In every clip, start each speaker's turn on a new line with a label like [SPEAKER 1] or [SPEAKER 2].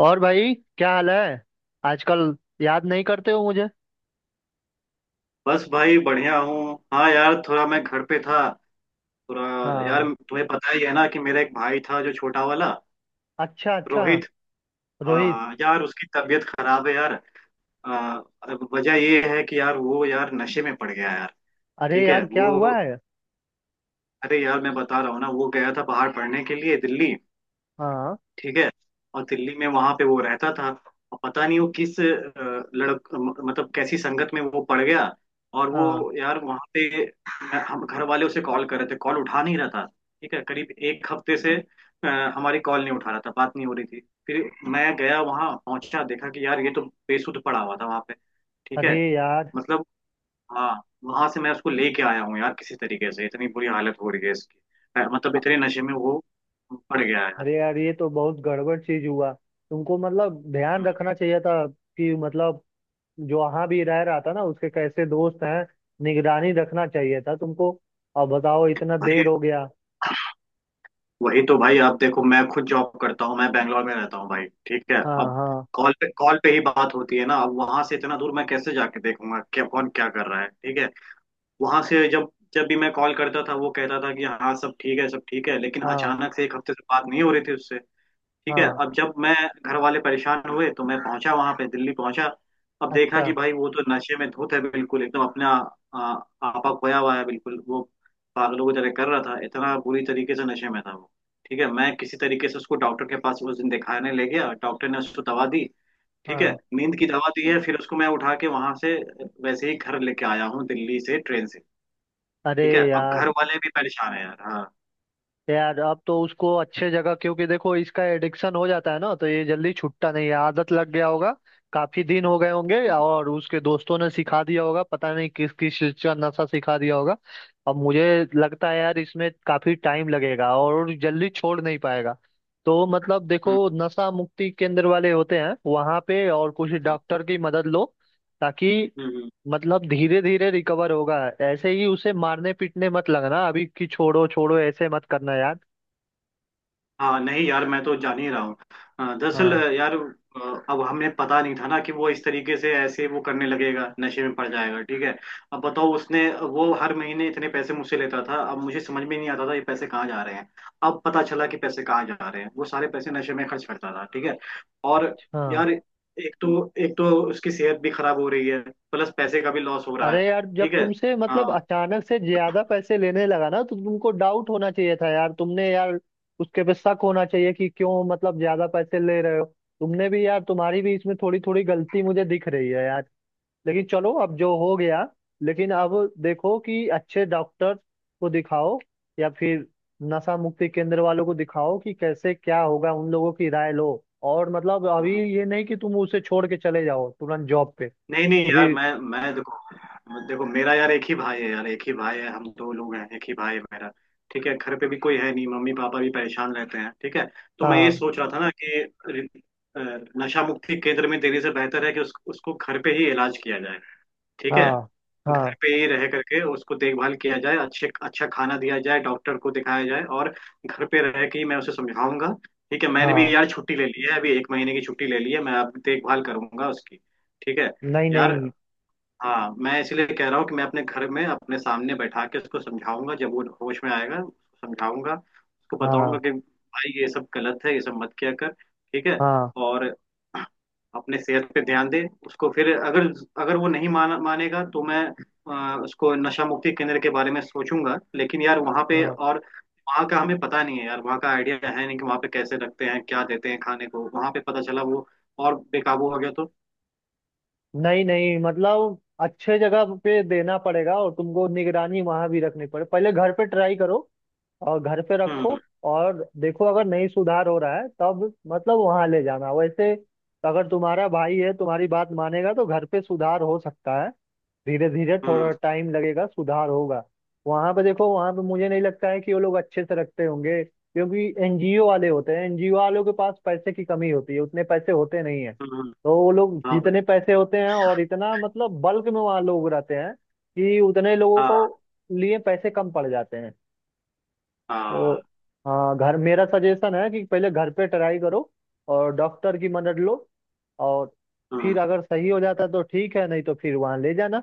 [SPEAKER 1] और भाई क्या हाल है आजकल? याद नहीं करते हो मुझे?
[SPEAKER 2] बस भाई बढ़िया हूँ। हाँ यार, थोड़ा मैं घर पे था। थोड़ा यार,
[SPEAKER 1] हाँ।
[SPEAKER 2] तुम्हें पता ही है ना कि मेरा एक भाई था, जो छोटा वाला,
[SPEAKER 1] अच्छा अच्छा।
[SPEAKER 2] रोहित।
[SPEAKER 1] रोहित।
[SPEAKER 2] यार, उसकी तबीयत खराब है यार। आ, अब वजह ये है कि यार वो यार नशे में पड़ गया यार।
[SPEAKER 1] अरे
[SPEAKER 2] ठीक है।
[SPEAKER 1] यार क्या हुआ
[SPEAKER 2] वो
[SPEAKER 1] है?
[SPEAKER 2] अरे यार, मैं बता रहा हूँ ना, वो गया था बाहर पढ़ने के लिए दिल्ली।
[SPEAKER 1] हाँ।
[SPEAKER 2] ठीक है। और दिल्ली में वहां पे वो रहता था। और पता नहीं वो किस मतलब कैसी संगत में वो पड़ गया। और
[SPEAKER 1] हाँ।
[SPEAKER 2] वो यार वहां पे हम घर वाले उसे कॉल कर रहे थे, कॉल उठा नहीं रहा था। ठीक है, करीब एक हफ्ते से अ, हमारी कॉल नहीं उठा रहा था, बात नहीं हो रही थी। फिर मैं गया वहां, पहुंचा, देखा कि यार ये तो बेसुध पड़ा हुआ था वहां पे। ठीक है।
[SPEAKER 1] अरे यार।
[SPEAKER 2] मतलब, हाँ। वहां से मैं उसको लेके आया हूँ यार, किसी तरीके से, इतनी बुरी हालत हो रही है इसकी। मतलब
[SPEAKER 1] अ-
[SPEAKER 2] इतने नशे में वो पड़ गया है यार।
[SPEAKER 1] अरे यार ये तो बहुत गड़बड़ चीज हुआ। तुमको मतलब ध्यान रखना चाहिए था कि मतलब जो वहाँ भी रह रहा था ना, उसके कैसे दोस्त हैं। निगरानी रखना चाहिए था तुमको। अब बताओ इतना
[SPEAKER 2] भाई,
[SPEAKER 1] देर हो गया।
[SPEAKER 2] वही तो भाई, आप देखो, मैं खुद जॉब करता हूँ, मैं बैंगलोर में रहता हूँ भाई। ठीक है।
[SPEAKER 1] हाँ
[SPEAKER 2] अब
[SPEAKER 1] हाँ।
[SPEAKER 2] कॉल पे ही बात होती है ना। अब वहां से इतना दूर मैं कैसे जाके देखूंगा क्या कौन क्या कर रहा है। ठीक है। वहां से जब जब भी मैं कॉल करता था, वो कहता था कि हाँ सब ठीक है, सब ठीक है, लेकिन
[SPEAKER 1] हाँ
[SPEAKER 2] अचानक से एक हफ्ते से बात नहीं हो रही थी उससे। ठीक है।
[SPEAKER 1] हाँ।
[SPEAKER 2] अब जब मैं घर वाले परेशान हुए तो मैं पहुंचा वहां पे, दिल्ली पहुंचा। अब देखा कि
[SPEAKER 1] अच्छा।
[SPEAKER 2] भाई वो तो नशे में धुत है, बिल्कुल एकदम अपना आ, आपा खोया हुआ है बिल्कुल। वो पागलों की तरह कर रहा था, इतना बुरी तरीके से नशे में था वो। ठीक है, मैं किसी तरीके से उसको डॉक्टर के पास उस दिन दिखाने ले गया, डॉक्टर ने उसको दवा दी। ठीक है,
[SPEAKER 1] हाँ।
[SPEAKER 2] नींद की दवा दी है, फिर उसको मैं उठा के वहां से वैसे ही घर लेके आया हूँ दिल्ली से, ट्रेन से।
[SPEAKER 1] अरे
[SPEAKER 2] ठीक है, अब
[SPEAKER 1] यार।
[SPEAKER 2] घर वाले भी परेशान है यार। हाँ।
[SPEAKER 1] यार अब तो उसको अच्छे जगह, क्योंकि देखो इसका एडिक्शन हो जाता है ना तो ये जल्दी छूटता नहीं है। आदत लग गया होगा। काफी दिन हो गए होंगे
[SPEAKER 2] हम्म।
[SPEAKER 1] और उसके दोस्तों ने सिखा दिया होगा, पता नहीं किस किस चीज का नशा सिखा दिया होगा। अब मुझे लगता है यार इसमें काफी टाइम लगेगा और जल्दी छोड़ नहीं पाएगा। तो मतलब देखो,
[SPEAKER 2] हम्म।
[SPEAKER 1] नशा मुक्ति केंद्र वाले होते हैं वहां पे, और कुछ
[SPEAKER 2] हम्म।
[SPEAKER 1] डॉक्टर की मदद लो ताकि
[SPEAKER 2] हम्म, हम्म।
[SPEAKER 1] मतलब धीरे धीरे रिकवर होगा। ऐसे ही उसे मारने पीटने मत लगना अभी कि छोड़ो छोड़ो ऐसे मत करना यार।
[SPEAKER 2] हाँ, नहीं यार, मैं तो जान ही रहा हूँ। दरअसल
[SPEAKER 1] हाँ
[SPEAKER 2] यार अब हमें पता नहीं था ना कि वो इस तरीके से ऐसे वो करने लगेगा, नशे में पड़ जाएगा। ठीक है। अब बताओ, उसने वो हर महीने इतने पैसे मुझसे लेता था, अब मुझे समझ में नहीं आता था ये पैसे कहाँ जा रहे हैं। अब पता चला कि पैसे कहाँ जा रहे हैं, वो सारे पैसे नशे में खर्च करता था। ठीक है। और
[SPEAKER 1] हाँ।
[SPEAKER 2] यार एक तो उसकी सेहत भी खराब हो रही है, प्लस पैसे का भी लॉस हो रहा है।
[SPEAKER 1] अरे यार जब
[SPEAKER 2] ठीक है।
[SPEAKER 1] तुमसे मतलब
[SPEAKER 2] हाँ।
[SPEAKER 1] अचानक से ज्यादा पैसे लेने लगा ना तो तुमको डाउट होना चाहिए था यार, तुमने यार उसके पे शक होना चाहिए कि क्यों मतलब ज्यादा पैसे ले रहे हो। तुमने भी यार, तुम्हारी भी इसमें थोड़ी थोड़ी गलती मुझे दिख रही है यार। लेकिन चलो अब जो हो गया, लेकिन अब देखो कि अच्छे डॉक्टर को दिखाओ या फिर नशा मुक्ति केंद्र वालों को दिखाओ कि कैसे क्या होगा, उन लोगों की राय लो। और मतलब अभी
[SPEAKER 2] हाँ।
[SPEAKER 1] ये नहीं कि तुम उसे छोड़ के चले जाओ तुरंत जॉब पे।
[SPEAKER 2] नहीं नहीं
[SPEAKER 1] अभी।
[SPEAKER 2] यार, मैं, देखो, मेरा यार एक ही भाई है यार, एक ही भाई है, हम दो लोग हैं, एक ही भाई है मेरा। ठीक है, घर पे भी कोई है नहीं, मम्मी पापा भी परेशान रहते हैं। ठीक है, तो मैं ये
[SPEAKER 1] हाँ
[SPEAKER 2] सोच रहा था ना कि रि- अ, नशा मुक्ति केंद्र में देने से बेहतर है कि उसको घर पे ही इलाज किया जाए। ठीक है,
[SPEAKER 1] हाँ।
[SPEAKER 2] घर
[SPEAKER 1] हाँ
[SPEAKER 2] पे ही रह करके उसको देखभाल किया जाए, अच्छे अच्छा खाना दिया जाए, डॉक्टर को दिखाया जाए, और घर पे रह के ही मैं उसे समझाऊंगा। ठीक है, मैंने भी
[SPEAKER 1] हाँ।
[SPEAKER 2] यार छुट्टी ले ली है, अभी एक महीने की छुट्टी ले ली है, मैं अब देखभाल करूंगा उसकी। ठीक है
[SPEAKER 1] नहीं
[SPEAKER 2] यार।
[SPEAKER 1] नहीं।
[SPEAKER 2] हाँ, मैं इसलिए कह रहा हूँ कि मैं अपने घर में अपने सामने बैठा के उसको समझाऊंगा, जब वो होश में आएगा उसको समझाऊंगा, उसको बताऊंगा
[SPEAKER 1] हाँ
[SPEAKER 2] कि भाई ये सब गलत है, ये सब मत किया कर। ठीक है,
[SPEAKER 1] हाँ
[SPEAKER 2] और अपने सेहत पे ध्यान दे उसको। फिर अगर अगर वो नहीं मानेगा तो मैं उसको नशा मुक्ति केंद्र के बारे में सोचूंगा, लेकिन यार वहाँ पे
[SPEAKER 1] हाँ।
[SPEAKER 2] और वहाँ का हमें पता नहीं है यार, वहाँ का आइडिया है नहीं कि वहाँ पे कैसे रखते हैं, क्या देते हैं खाने को, वहाँ पे पता चला वो और बेकाबू हो गया तो।
[SPEAKER 1] नहीं नहीं, मतलब अच्छे जगह पे देना पड़ेगा और तुमको निगरानी वहां भी रखनी पड़े। पहले घर पे ट्राई करो और घर पे रखो।
[SPEAKER 2] हम्म।
[SPEAKER 1] और देखो अगर नहीं सुधार हो रहा है तब मतलब वहां ले जाना। वैसे अगर तुम्हारा भाई है तुम्हारी बात मानेगा तो घर पे सुधार हो सकता है। धीरे धीरे थोड़ा
[SPEAKER 2] हम्म।
[SPEAKER 1] टाइम लगेगा सुधार होगा। वहां पे देखो, वहां पे मुझे नहीं लगता है कि वो लोग अच्छे से रखते होंगे क्योंकि एनजीओ वाले होते हैं। एनजीओ वालों के पास पैसे की कमी होती है, उतने पैसे होते नहीं है।
[SPEAKER 2] हम्म।
[SPEAKER 1] तो वो लोग
[SPEAKER 2] हाँ भाई।
[SPEAKER 1] जितने पैसे होते हैं और इतना मतलब बल्क में वहाँ लोग रहते हैं कि उतने लोगों
[SPEAKER 2] हाँ
[SPEAKER 1] को लिए पैसे कम पड़ जाते हैं। तो
[SPEAKER 2] हाँ।
[SPEAKER 1] हाँ, घर मेरा सजेशन है कि पहले घर पे ट्राई करो और डॉक्टर की मदद लो। और
[SPEAKER 2] हाँ।
[SPEAKER 1] फिर अगर सही हो जाता तो ठीक है नहीं तो फिर वहां ले जाना।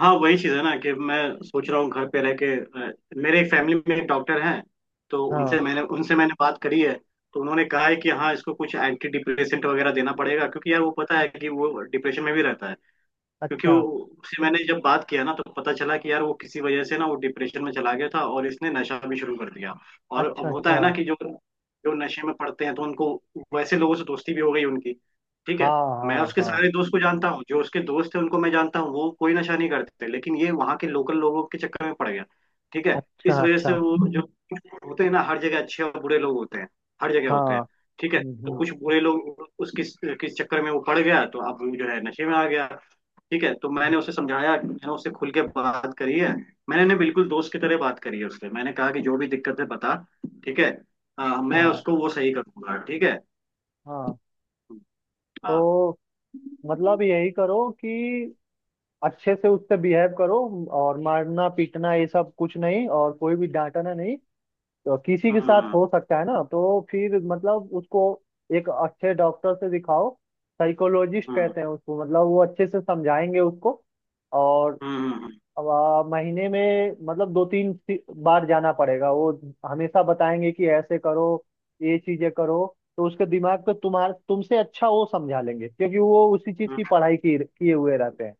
[SPEAKER 2] हाँ, वही चीज़ है ना कि मैं सोच रहा हूँ घर पे रह के, अ, मेरे एक फैमिली में एक डॉक्टर हैं, तो
[SPEAKER 1] हाँ।
[SPEAKER 2] उनसे मैंने बात करी है। तो उन्होंने कहा है कि हाँ, इसको कुछ एंटी डिप्रेसेंट वगैरह देना पड़ेगा, क्योंकि यार वो पता है कि वो डिप्रेशन में भी रहता है। क्योंकि वो,
[SPEAKER 1] अच्छा
[SPEAKER 2] उससे मैंने जब बात किया ना, तो पता चला कि यार वो किसी वजह से ना वो डिप्रेशन में चला गया था, और इसने नशा भी शुरू कर दिया। और
[SPEAKER 1] अच्छा।
[SPEAKER 2] अब होता
[SPEAKER 1] अच्छा।
[SPEAKER 2] है ना कि जो जो नशे में पड़ते हैं, तो उनको वैसे लोगों से दोस्ती भी हो गई उनकी। ठीक है,
[SPEAKER 1] हाँ
[SPEAKER 2] मैं
[SPEAKER 1] हाँ
[SPEAKER 2] उसके
[SPEAKER 1] हाँ।
[SPEAKER 2] सारे दोस्त को जानता हूँ, जो उसके दोस्त थे उनको मैं जानता हूँ, वो कोई नशा नहीं करते, लेकिन ये वहाँ के लोकल लोगों के चक्कर में पड़ गया। ठीक है, इस
[SPEAKER 1] अच्छा
[SPEAKER 2] वजह से
[SPEAKER 1] अच्छा।
[SPEAKER 2] वो जो होते हैं ना, हर जगह अच्छे और बुरे लोग होते हैं, हर जगह होते
[SPEAKER 1] हाँ।
[SPEAKER 2] हैं। ठीक है,
[SPEAKER 1] हम्म,
[SPEAKER 2] तो
[SPEAKER 1] हम्म,
[SPEAKER 2] कुछ बुरे लोग उसके किस चक्कर में वो पड़ गया, तो अब वो जो है नशे में आ गया। ठीक है, तो
[SPEAKER 1] हम्म।
[SPEAKER 2] मैंने उसे समझाया, मैंने उससे खुल के बात करी है, मैंने ने बिल्कुल दोस्त की तरह बात करी है उससे, मैंने कहा कि जो भी दिक्कत है बता। ठीक है। हाँ, मैं
[SPEAKER 1] हाँ
[SPEAKER 2] उसको वो सही कर दूंगा। ठीक है।
[SPEAKER 1] हाँ।
[SPEAKER 2] हाँ।
[SPEAKER 1] तो
[SPEAKER 2] हम्म।
[SPEAKER 1] मतलब यही करो कि अच्छे से उससे बिहेव करो और मारना पीटना ये सब कुछ नहीं और कोई भी डांटना नहीं। तो किसी के साथ
[SPEAKER 2] हम्म।
[SPEAKER 1] हो सकता है ना, तो फिर मतलब उसको एक अच्छे डॉक्टर से दिखाओ। साइकोलॉजिस्ट
[SPEAKER 2] हम्म।
[SPEAKER 1] कहते हैं उसको, मतलब वो अच्छे से समझाएंगे उसको। और
[SPEAKER 2] हम्म, हम्म,
[SPEAKER 1] अब महीने में मतलब दो तीन बार जाना पड़ेगा। वो हमेशा बताएंगे कि ऐसे करो, ये चीजें करो। तो उसके दिमाग को तुम्हारे तुमसे अच्छा वो समझा लेंगे क्योंकि वो उसी चीज
[SPEAKER 2] हम्म।
[SPEAKER 1] की पढ़ाई की किए हुए रहते हैं।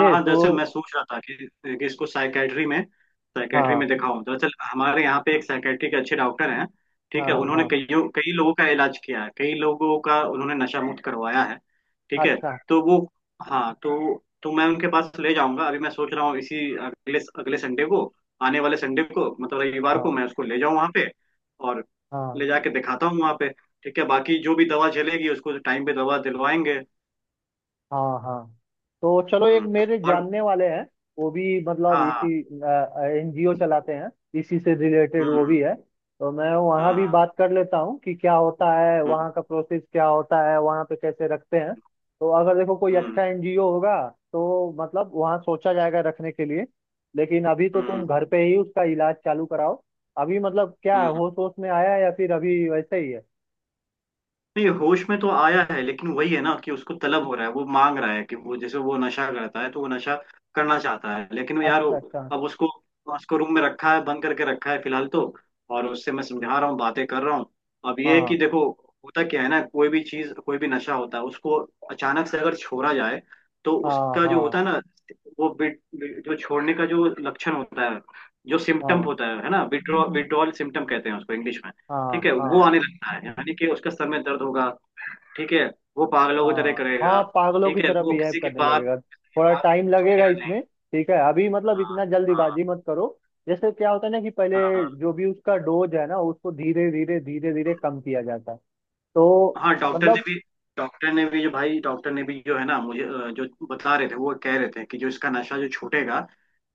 [SPEAKER 2] हाँ हाँ, दरअसल
[SPEAKER 1] तो
[SPEAKER 2] मैं सोच रहा था कि इसको साइकेट्री
[SPEAKER 1] हाँ
[SPEAKER 2] में दिखाऊं। दरअसल हमारे यहाँ पे एक साइकेट्री के अच्छे डॉक्टर हैं। ठीक है,
[SPEAKER 1] हाँ
[SPEAKER 2] उन्होंने
[SPEAKER 1] हाँ।
[SPEAKER 2] कईयों कई लोगों का इलाज किया है, कई लोगों का उन्होंने नशा मुक्त करवाया है। ठीक है,
[SPEAKER 1] अच्छा।
[SPEAKER 2] तो वो, हाँ, तो मैं उनके पास ले जाऊंगा। अभी मैं सोच रहा हूँ इसी अगले अगले संडे को, आने वाले संडे को, मतलब रविवार को
[SPEAKER 1] हाँ
[SPEAKER 2] मैं उसको ले जाऊँ वहाँ पे, और
[SPEAKER 1] हाँ
[SPEAKER 2] ले जाके दिखाता हूँ वहाँ पे। ठीक है, बाकी जो भी दवा चलेगी उसको टाइम पे दवा दिलवाएंगे।
[SPEAKER 1] हाँ हाँ। तो चलो, एक
[SPEAKER 2] हम्म।
[SPEAKER 1] मेरे
[SPEAKER 2] और,
[SPEAKER 1] जानने वाले हैं। वो भी मतलब
[SPEAKER 2] हाँ। हाँ।
[SPEAKER 1] इसी एनजीओ चलाते हैं, इसी से रिलेटेड
[SPEAKER 2] हम्म।
[SPEAKER 1] वो भी है। तो मैं
[SPEAKER 2] हाँ।
[SPEAKER 1] वहाँ भी
[SPEAKER 2] हाँ।
[SPEAKER 1] बात कर लेता हूँ कि क्या होता है
[SPEAKER 2] हम्म।
[SPEAKER 1] वहाँ का प्रोसेस, क्या होता है वहाँ पे कैसे रखते हैं। तो अगर देखो कोई
[SPEAKER 2] हम्म।
[SPEAKER 1] अच्छा एनजीओ होगा तो मतलब वहाँ सोचा जाएगा रखने के लिए। लेकिन अभी तो तुम
[SPEAKER 2] हम्म।
[SPEAKER 1] घर पे ही उसका इलाज चालू कराओ। अभी मतलब क्या है,
[SPEAKER 2] हम्म।
[SPEAKER 1] होश होश में आया है या फिर अभी वैसे ही है?
[SPEAKER 2] नहीं, होश में तो आया है, लेकिन वही है ना कि उसको तलब हो रहा है, वो मांग रहा है कि वो जैसे वो नशा करता है, तो वो नशा करना चाहता है। लेकिन
[SPEAKER 1] अच्छा अच्छा।
[SPEAKER 2] अब उसको उसको रूम में रखा है, बंद करके रखा है फिलहाल तो। और उससे मैं समझा रहा हूँ, बातें कर रहा हूँ। अब ये है
[SPEAKER 1] हाँ
[SPEAKER 2] कि देखो, होता क्या है ना, कोई भी चीज, कोई भी नशा होता है उसको, अचानक से अगर छोड़ा जाए, तो
[SPEAKER 1] हाँ
[SPEAKER 2] उसका जो
[SPEAKER 1] हाँ।
[SPEAKER 2] होता है ना, वो बिट जो छोड़ने का जो लक्षण होता है, जो सिम्टम
[SPEAKER 1] हाँ
[SPEAKER 2] होता है ना, विड्रॉल सिम्टम कहते हैं उसको इंग्लिश में। ठीक
[SPEAKER 1] हाँ
[SPEAKER 2] है,
[SPEAKER 1] हाँ
[SPEAKER 2] वो आने लगता है, यानी कि उसका सर में दर्द होगा। ठीक है, वो पागलों की तरह
[SPEAKER 1] हाँ।
[SPEAKER 2] करेगा।
[SPEAKER 1] हाँ, पागलों
[SPEAKER 2] ठीक
[SPEAKER 1] की
[SPEAKER 2] है,
[SPEAKER 1] तरह
[SPEAKER 2] वो
[SPEAKER 1] बिहेव करने लगेगा,
[SPEAKER 2] किसी की
[SPEAKER 1] थोड़ा
[SPEAKER 2] बात
[SPEAKER 1] टाइम लगेगा
[SPEAKER 2] सुनेगा
[SPEAKER 1] इसमें।
[SPEAKER 2] नहीं।
[SPEAKER 1] ठीक है अभी मतलब
[SPEAKER 2] हाँ।
[SPEAKER 1] इतना
[SPEAKER 2] हाँ।
[SPEAKER 1] जल्दीबाजी मत करो। जैसे क्या होता है ना कि पहले
[SPEAKER 2] हाँ।
[SPEAKER 1] जो भी उसका डोज है ना उसको धीरे धीरे धीरे धीरे कम किया जाता है। तो
[SPEAKER 2] हाँ,
[SPEAKER 1] मतलब।
[SPEAKER 2] डॉक्टर ने भी जो है ना, मुझे जो बता रहे थे, वो कह रहे थे कि जो इसका नशा जो छूटेगा,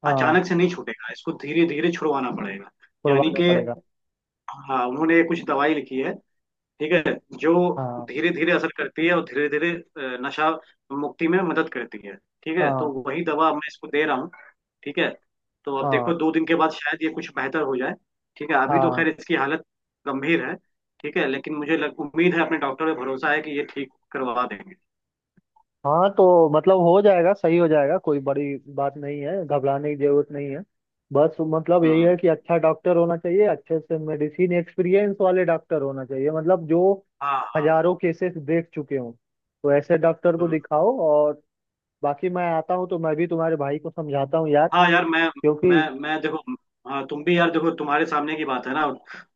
[SPEAKER 1] हाँ।
[SPEAKER 2] अचानक से नहीं छूटेगा, इसको धीरे धीरे छुड़वाना पड़ेगा। यानी
[SPEAKER 1] छुड़वाना
[SPEAKER 2] कि,
[SPEAKER 1] पड़ेगा।
[SPEAKER 2] हाँ, उन्होंने कुछ दवाई लिखी है। ठीक है, जो
[SPEAKER 1] हाँ
[SPEAKER 2] धीरे धीरे असर करती है और धीरे धीरे नशा मुक्ति में मदद करती है। ठीक है,
[SPEAKER 1] हाँ।
[SPEAKER 2] तो वही दवा मैं इसको दे रहा हूँ। ठीक है, तो अब
[SPEAKER 1] हाँ
[SPEAKER 2] देखो दो दिन के बाद शायद ये कुछ बेहतर हो जाए। ठीक है, अभी तो
[SPEAKER 1] हाँ।
[SPEAKER 2] खैर इसकी हालत गंभीर है। ठीक है, लेकिन मुझे उम्मीद है, अपने डॉक्टर पे भरोसा है कि ये ठीक करवा देंगे।
[SPEAKER 1] हाँ। तो मतलब हो जाएगा, सही हो जाएगा, कोई बड़ी बात नहीं है, घबराने की जरूरत नहीं है। बस मतलब यही
[SPEAKER 2] हम्म।
[SPEAKER 1] है कि अच्छा डॉक्टर होना चाहिए, अच्छे से मेडिसिन एक्सपीरियंस वाले डॉक्टर होना चाहिए, मतलब जो
[SPEAKER 2] हाँ। हाँ।
[SPEAKER 1] हजारों केसेस देख चुके हूँ। तो ऐसे डॉक्टर को
[SPEAKER 2] हम्म।
[SPEAKER 1] दिखाओ। और बाकी मैं आता हूँ तो मैं भी तुम्हारे भाई को समझाता हूँ यार,
[SPEAKER 2] हाँ यार, मैं,
[SPEAKER 1] क्योंकि।
[SPEAKER 2] मैं देखो, हाँ तुम भी यार देखो, तुम्हारे सामने की बात है ना,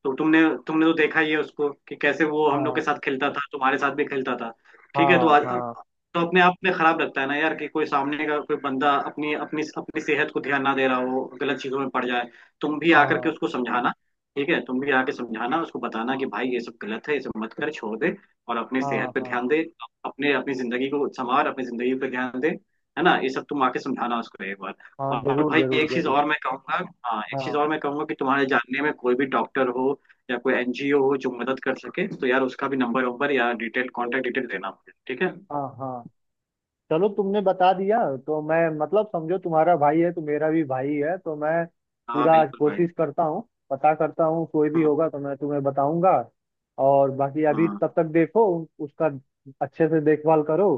[SPEAKER 2] तो तुमने तुमने तो देखा ही है उसको, कि कैसे वो हम लोग के
[SPEAKER 1] हाँ
[SPEAKER 2] साथ खेलता था, तुम्हारे साथ भी खेलता था। ठीक है, तो
[SPEAKER 1] हाँ।
[SPEAKER 2] आज
[SPEAKER 1] हाँ
[SPEAKER 2] तो अपने आप में खराब लगता है ना यार कि कोई सामने का कोई बंदा अपनी अपनी अपनी सेहत को ध्यान ना दे रहा हो, गलत चीजों में पड़ जाए। तुम भी आकर के
[SPEAKER 1] हाँ।
[SPEAKER 2] उसको समझाना। ठीक है, तुम भी आके समझाना, उसको बताना कि भाई ये सब गलत है, ये सब मत कर, छोड़ दे, और अपनी
[SPEAKER 1] हाँ
[SPEAKER 2] सेहत पे
[SPEAKER 1] हाँ।
[SPEAKER 2] ध्यान दे, अपने अपनी जिंदगी को संवार, अपनी जिंदगी पे ध्यान दे, है ना, ये सब तुम आके समझाना उसको एक
[SPEAKER 1] हाँ
[SPEAKER 2] बार। और
[SPEAKER 1] जरूर
[SPEAKER 2] भाई
[SPEAKER 1] जरूर
[SPEAKER 2] एक चीज
[SPEAKER 1] जरूर।
[SPEAKER 2] और मैं कहूंगा, हाँ, एक चीज
[SPEAKER 1] हाँ
[SPEAKER 2] और मैं कहूंगा, कि तुम्हारे जानने में कोई भी डॉक्टर हो या कोई एनजीओ हो जो मदद कर सके, तो यार उसका भी नंबर वंबर या डिटेल, कांटेक्ट डिटेल देना मुझे। ठीक है।
[SPEAKER 1] हाँ हाँ। चलो तुमने बता दिया, तो मैं मतलब समझो तुम्हारा भाई है तो मेरा भी भाई है। तो मैं
[SPEAKER 2] हाँ,
[SPEAKER 1] पूरा
[SPEAKER 2] बिल्कुल भाई।
[SPEAKER 1] कोशिश करता हूँ। पता करता हूँ कोई भी
[SPEAKER 2] हम्म।
[SPEAKER 1] होगा तो मैं तुम्हें बताऊंगा। और बाकी अभी
[SPEAKER 2] हम्म।
[SPEAKER 1] तब तक देखो उसका अच्छे से देखभाल करो।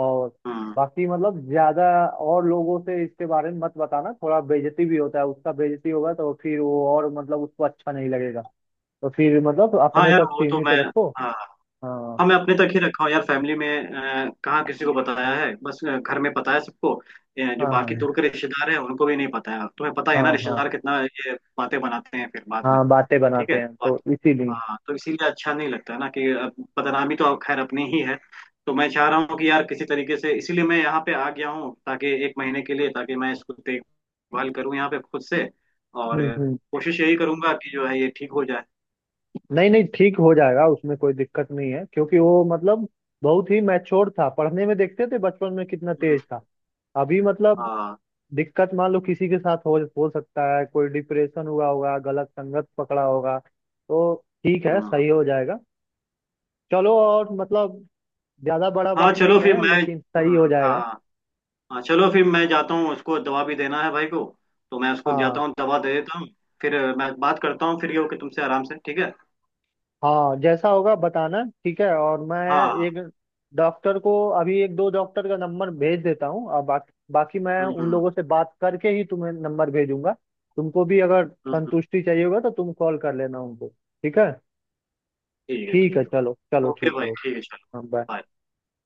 [SPEAKER 1] और
[SPEAKER 2] हम्म।
[SPEAKER 1] बाकी मतलब ज्यादा और लोगों से इसके बारे में मत बताना। थोड़ा बेइज्जती भी होता है उसका, बेइज्जती होगा तो फिर वो और मतलब उसको अच्छा नहीं लगेगा। तो फिर मतलब
[SPEAKER 2] हाँ
[SPEAKER 1] अपने
[SPEAKER 2] यार,
[SPEAKER 1] तक
[SPEAKER 2] वो तो
[SPEAKER 1] सीमित
[SPEAKER 2] मैं
[SPEAKER 1] रखो।
[SPEAKER 2] हाँ।
[SPEAKER 1] हाँ।
[SPEAKER 2] हाँ, मैं अपने तक ही रखा हूँ यार, फैमिली में, कहाँ किसी को बताया है, बस घर में पता है सबको। जो बाकी
[SPEAKER 1] हाँ।
[SPEAKER 2] दूर के रिश्तेदार हैं उनको भी नहीं पता है, तुम्हें पता है
[SPEAKER 1] हाँ।
[SPEAKER 2] ना
[SPEAKER 1] हाँ।
[SPEAKER 2] रिश्तेदार कितना ये बातें बनाते हैं फिर बाद में।
[SPEAKER 1] हाँ बातें
[SPEAKER 2] ठीक है।
[SPEAKER 1] बनाते हैं, तो इसीलिए।
[SPEAKER 2] हाँ, तो इसीलिए अच्छा नहीं लगता है ना, कि अब बदनामी तो अब खैर अपनी ही है। तो मैं चाह रहा हूँ कि यार किसी तरीके से, इसीलिए मैं यहाँ पे आ गया हूँ, ताकि एक महीने के लिए, ताकि मैं इसको देखभाल करूँ यहाँ पे खुद से, और
[SPEAKER 1] हम्म।
[SPEAKER 2] कोशिश यही करूंगा कि जो है ये ठीक हो जाए।
[SPEAKER 1] नहीं नहीं, ठीक हो जाएगा, उसमें कोई दिक्कत नहीं है क्योंकि वो मतलब बहुत ही मैच्योर था, पढ़ने में देखते थे बचपन में कितना
[SPEAKER 2] हम्म,
[SPEAKER 1] तेज था। अभी मतलब
[SPEAKER 2] हाँ।
[SPEAKER 1] दिक्कत मान लो किसी के साथ हो सकता है कोई डिप्रेशन हुआ होगा, गलत संगत पकड़ा होगा तो ठीक है,
[SPEAKER 2] हम्म।
[SPEAKER 1] सही हो जाएगा। चलो, और मतलब ज्यादा बड़ा
[SPEAKER 2] हाँ
[SPEAKER 1] बात
[SPEAKER 2] चलो,
[SPEAKER 1] नहीं
[SPEAKER 2] फिर
[SPEAKER 1] है,
[SPEAKER 2] मैं
[SPEAKER 1] लेकिन सही हो जाएगा।
[SPEAKER 2] हाँ। हाँ चलो, फिर मैं जाता हूँ, उसको दवा भी देना है भाई को, तो मैं उसको
[SPEAKER 1] हाँ
[SPEAKER 2] जाता हूँ दवा दे देता हूँ, फिर मैं बात करता हूँ, फिर ये हो कि तुमसे आराम से। ठीक है।
[SPEAKER 1] हाँ। जैसा होगा बताना ठीक है। और मैं
[SPEAKER 2] हाँ।
[SPEAKER 1] एक डॉक्टर को, अभी एक दो डॉक्टर का नंबर भेज देता हूँ और बाकी बाकी मैं
[SPEAKER 2] हम्म।
[SPEAKER 1] उन
[SPEAKER 2] हम्म।
[SPEAKER 1] लोगों से बात करके ही तुम्हें नंबर भेजूंगा। तुमको भी अगर
[SPEAKER 2] हम्म,
[SPEAKER 1] संतुष्टि चाहिए होगा तो तुम कॉल कर लेना उनको। ठीक है
[SPEAKER 2] ठीक है,
[SPEAKER 1] ठीक है,
[SPEAKER 2] ठीक
[SPEAKER 1] चलो
[SPEAKER 2] है,
[SPEAKER 1] चलो,
[SPEAKER 2] ओके
[SPEAKER 1] ठीक
[SPEAKER 2] भाई,
[SPEAKER 1] है ओके,
[SPEAKER 2] ठीक है, चलो,
[SPEAKER 1] हाँ बाय।
[SPEAKER 2] बाय।